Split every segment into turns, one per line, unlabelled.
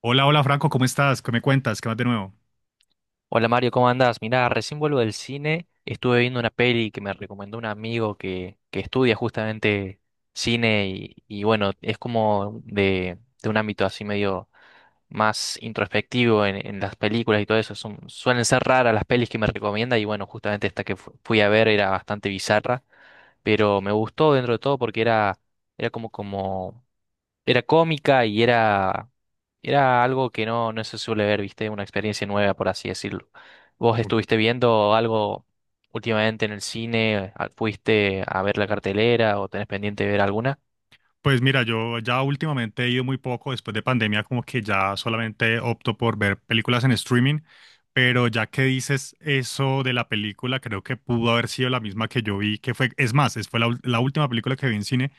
Hola, hola Franco, ¿cómo estás? ¿Qué me cuentas? ¿Qué más de nuevo?
Hola Mario, ¿cómo andás? Mirá, recién vuelvo del cine, estuve viendo una peli que me recomendó un amigo que estudia justamente cine y bueno, es como de un ámbito así medio más introspectivo en las películas y todo eso. Suelen ser raras las pelis que me recomienda y bueno, justamente esta que fui a ver era bastante bizarra pero me gustó dentro de todo porque era como, como, era cómica y era algo que no se suele ver, viste, una experiencia nueva, por así decirlo. ¿Vos estuviste viendo algo últimamente en el cine? ¿Fuiste a ver la cartelera o tenés pendiente de ver alguna?
Pues mira, yo ya últimamente he ido muy poco, después de pandemia como que ya solamente opto por ver películas en streaming, pero ya que dices eso de la película, creo que pudo haber sido la misma que yo vi, que fue, es más, es fue la última película que vi en cine,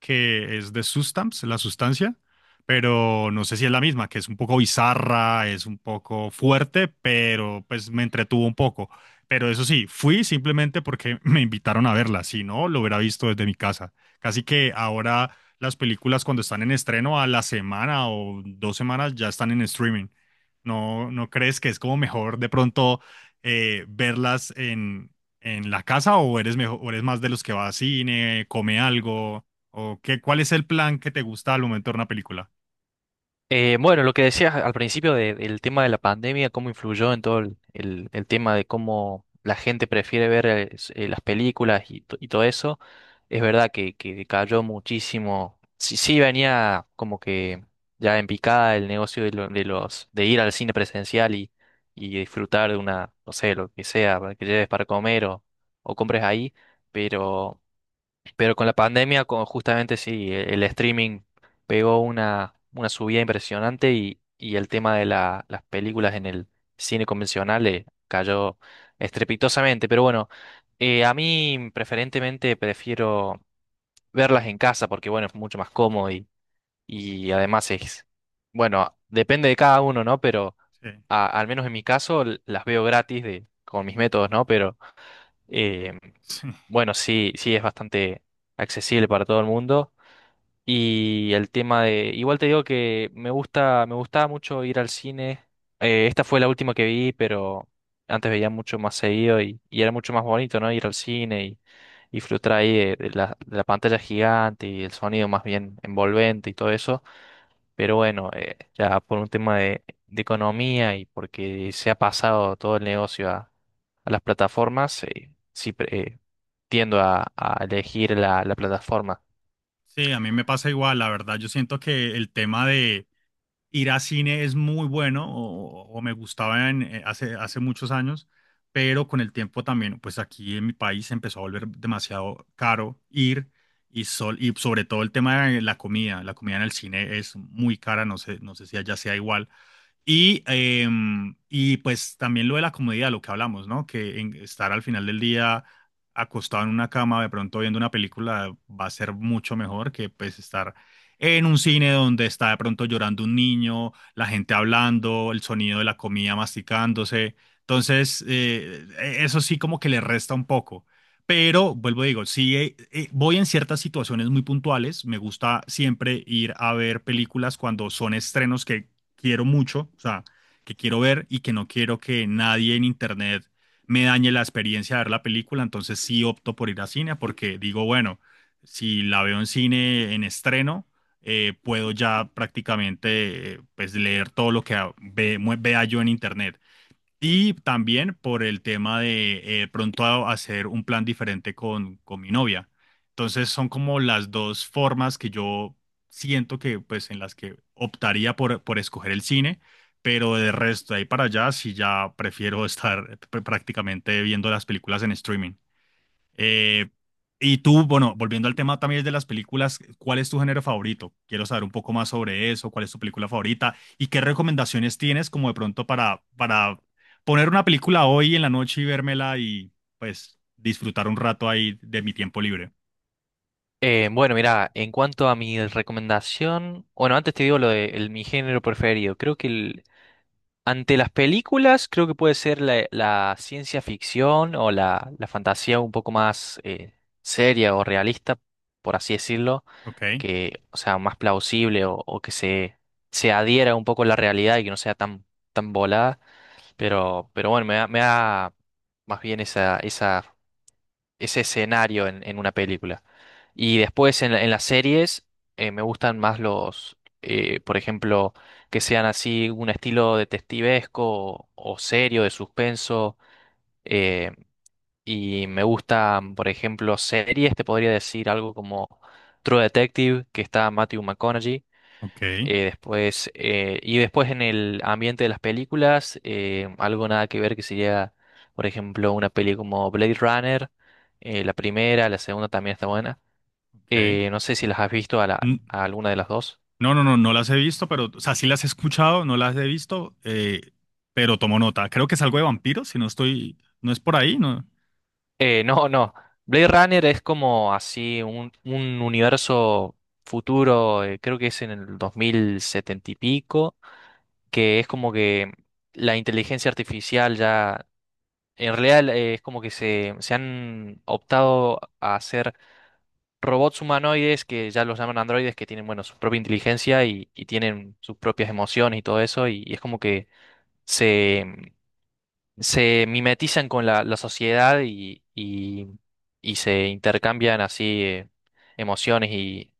que es de Sustance, La Sustancia, pero no sé si es la misma, que es un poco bizarra, es un poco fuerte, pero pues me entretuvo un poco. Pero eso sí, fui simplemente porque me invitaron a verla, si no, lo hubiera visto desde mi casa. Casi que ahora las películas cuando están en estreno a la semana o dos semanas ya están en streaming. ¿No, no crees que es como mejor de pronto verlas en la casa o eres mejor, o eres más de los que va a cine, come algo? ¿O qué, cuál es el plan que te gusta al momento de ver una película?
Bueno, lo que decías al principio del tema de la pandemia, cómo influyó en todo el tema de cómo la gente prefiere ver las películas y todo eso, es verdad que cayó muchísimo. Sí, sí venía como que ya en picada el negocio de los de ir al cine presencial y disfrutar de una, no sé, lo que sea, para que lleves para comer o compres ahí, pero con la pandemia, con, justamente sí, el streaming pegó una subida impresionante y el tema de las películas en el cine convencional cayó estrepitosamente. Pero bueno, a mí preferentemente prefiero verlas en casa porque bueno, es mucho más cómodo y además es, bueno, depende de cada uno, ¿no? Pero
Sí.
al menos en mi caso las veo gratis de, con mis métodos, ¿no? Eh,
Sí,
bueno, sí, sí es bastante accesible para todo el mundo. Y el tema de, igual te digo que me gusta, me gustaba mucho ir al cine. Esta fue la última que vi, pero antes veía mucho más seguido y era mucho más bonito, ¿no? Ir al cine y disfrutar ahí de la pantalla gigante y el sonido más bien envolvente y todo eso. Pero bueno, ya por un tema de economía y porque se ha pasado todo el negocio a las plataformas, tiendo a elegir la, la plataforma.
sí, a mí me pasa igual, la verdad. Yo siento que el tema de ir a cine es muy bueno o me gustaba en, hace, hace muchos años, pero con el tiempo también, pues aquí en mi país se empezó a volver demasiado caro ir y, sol, y sobre todo el tema de la comida en el cine es muy cara, no sé, no sé si allá sea igual, y, eh, y pues también lo de la comodidad, lo que hablamos, ¿no? Estar al final del día acostado en una cama, de pronto viendo una película, va a ser mucho mejor que pues estar en un cine donde está de pronto llorando un niño, la gente hablando, el sonido de la comida masticándose. Entonces, eso sí como que le resta un poco. Pero, vuelvo a digo, sí, voy en ciertas situaciones muy puntuales. Me gusta siempre ir a ver películas cuando son estrenos que quiero mucho, o sea, que quiero ver y que no quiero que nadie en internet me dañe la experiencia de ver la película, entonces sí opto por ir a cine porque digo, bueno, si la veo en cine en estreno, puedo ya prácticamente pues leer todo lo que vea yo en internet. Y también por el tema de hacer un plan diferente con mi novia. Entonces son como las dos formas que yo siento que pues en las que optaría por escoger el cine, pero de resto de ahí para allá sí ya prefiero estar prácticamente viendo las películas en streaming. Eh, y tú, bueno, volviendo al tema también de las películas, ¿cuál es tu género favorito? Quiero saber un poco más sobre eso, cuál es tu película favorita y qué recomendaciones tienes como de pronto para poner una película hoy en la noche y vérmela y pues disfrutar un rato ahí de mi tiempo libre.
Bueno, mira, en cuanto a mi recomendación, bueno, antes te digo lo de mi género preferido. Creo que ante las películas, creo que puede ser la, la ciencia ficción o la fantasía un poco más seria o realista, por así decirlo,
Ok,
que, o sea, más plausible o que se adhiera un poco a la realidad y que no sea tan, tan volada. Pero bueno, me da más bien esa, esa ese escenario en una película. Y después en, en las series me gustan más los, por ejemplo, que sean así un estilo detectivesco o serio, de suspenso. eh, y me gustan, por ejemplo, series, te podría decir algo como True Detective, que está Matthew McConaughey.
ok,
Y después en el ambiente de las películas, algo nada que ver que sería, por ejemplo, una peli como Blade Runner, la primera, la segunda también está buena.
ok.
No sé si las has visto a,
Mm.
a alguna de las dos.
No, no, no, no las he visto, pero, o sea, sí las he escuchado, no las he visto, pero tomo nota. Creo que es algo de vampiros, si no estoy, no es por ahí, ¿no?
No, no. Blade Runner es como así un universo futuro, creo que es en el 2070 y pico, que es como que la inteligencia artificial ya. En realidad es como que se han optado a hacer robots humanoides que ya los llaman androides, que tienen, bueno, su propia inteligencia y tienen sus propias emociones y todo eso, y es como que se, se mimetizan con la, la sociedad y se intercambian así emociones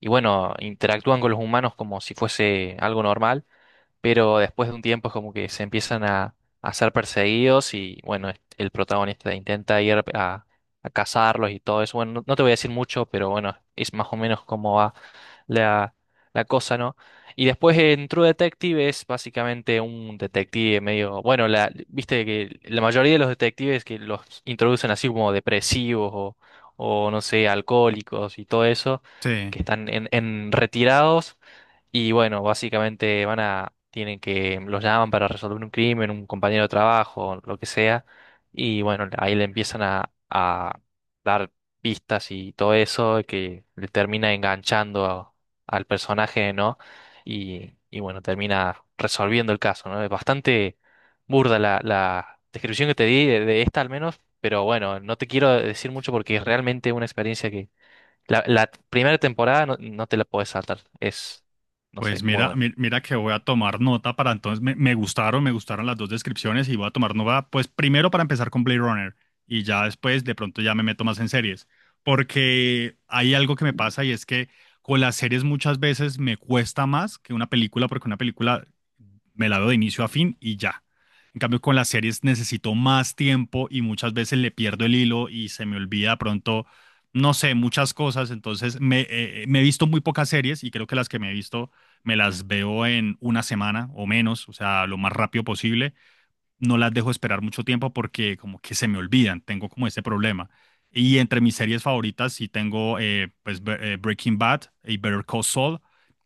y, bueno, interactúan con los humanos como si fuese algo normal pero después de un tiempo es como que se empiezan a ser perseguidos y bueno, el protagonista intenta ir a cazarlos y todo eso. Bueno, no, no te voy a decir mucho, pero bueno, es más o menos cómo va la, la cosa, ¿no? Y después en True Detective es básicamente un detective medio, bueno, la, viste que la mayoría de los detectives que los introducen así como depresivos o no sé, alcohólicos y todo eso,
Sí.
que están en retirados. Y bueno, básicamente van a, tienen que, los llaman para resolver un crimen, un compañero de trabajo, lo que sea. Y bueno, ahí le empiezan a dar pistas y todo eso, que le termina enganchando al personaje, ¿no? Y bueno, termina resolviendo el caso, ¿no? Es bastante burda la, la descripción que te di de esta al menos, pero bueno, no te quiero decir mucho porque es realmente una experiencia la, la primera temporada no, no te la puedes saltar. Es, no
Pues
sé, muy
mira,
buena.
mira que voy a tomar nota para entonces, me, me gustaron las dos descripciones y voy a tomar nota, pues primero para empezar con Blade Runner y ya después de pronto ya me meto más en series, porque hay algo que me pasa y es que con las series muchas veces me cuesta más que una película porque una película me la veo de inicio a fin y ya. En cambio con las series necesito más tiempo y muchas veces le pierdo el hilo y se me olvida de pronto, no sé, muchas cosas, entonces me, me he visto muy pocas series y creo que las que me he visto me las veo en una semana o menos, o sea, lo más rápido posible. No las dejo esperar mucho tiempo porque como que se me olvidan, tengo como ese problema. Y entre mis series favoritas sí tengo pues, Breaking Bad y Better Call Saul,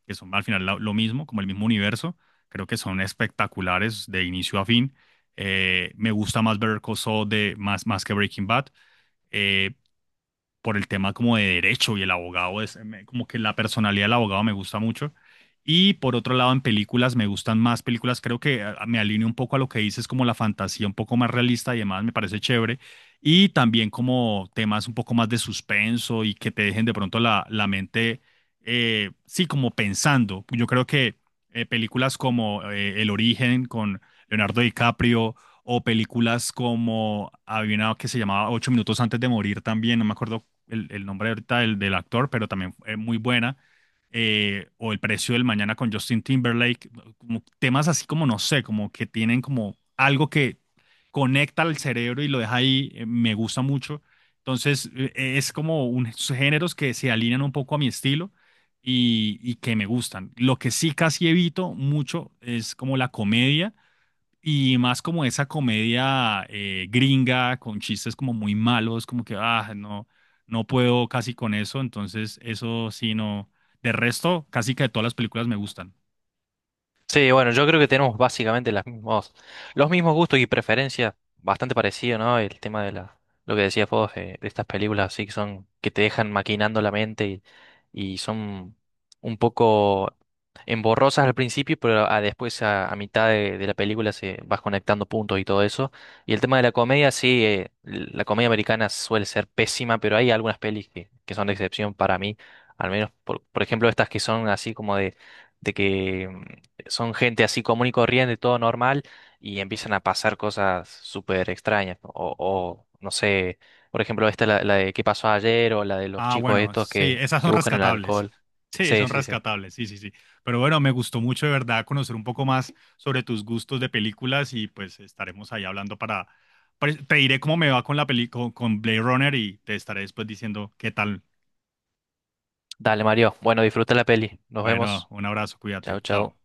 que son al final lo, mismo, como el mismo universo. Creo que son espectaculares de inicio a fin. Me gusta más Better Call Saul de, más, más que Breaking Bad. Eh, por el tema como de derecho y el abogado es como que la personalidad del abogado me gusta mucho. Y por otro lado, en películas me gustan más películas, creo que ah, me alineo un poco a lo que dices, como la fantasía un poco más realista y demás, me parece chévere. Y también como temas un poco más de suspenso y que te dejen de pronto la, la mente, sí, como pensando. Yo creo que películas como El Origen con Leonardo DiCaprio, o películas como había una que se llamaba 8 minutos antes de morir también, no me acuerdo el nombre ahorita del, del actor, pero también es muy buena, o El precio del mañana con Justin Timberlake, como temas así como, no sé, como que tienen como algo que conecta al cerebro y lo deja ahí, me gusta mucho. Entonces, es como unos géneros que se alinean un poco a mi estilo y que me gustan. Lo que sí casi evito mucho es como la comedia y más como esa comedia gringa con chistes como muy malos, como que, ah, no, no puedo casi con eso. Entonces, eso sí, no. De resto, casi que todas las películas me gustan.
Sí, bueno, yo creo que tenemos básicamente las mismos, los mismos gustos y preferencias, bastante parecido, ¿no? El tema de la, lo que decías vos, de estas películas así que son, que te dejan maquinando la mente y son un poco emborrosas al principio, pero a, después a mitad de la película se vas conectando puntos y todo eso. Y el tema de la comedia, sí, la comedia americana suele ser pésima, pero hay algunas pelis que son de excepción para mí, al menos por ejemplo estas que son así como de que son gente así común y corriente, todo normal, y empiezan a pasar cosas súper extrañas. ¿No? O, no sé, por ejemplo, esta, la de qué pasó ayer, o la de los
Ah,
chicos
bueno,
estos
sí,
que,
esas
que
son
buscan el
rescatables.
alcohol.
Sí,
Sí,
son
sí, sí.
rescatables, sí, sí, sí. Pero bueno, me gustó mucho de verdad conocer un poco más sobre tus gustos de películas y pues estaremos ahí hablando para... Te diré cómo me va con la película, con Blade Runner y te estaré después diciendo qué tal.
Dale, Mario. Bueno, disfruta la peli. Nos
Bueno,
vemos.
un abrazo, cuídate,
Chao,
chao.
chao.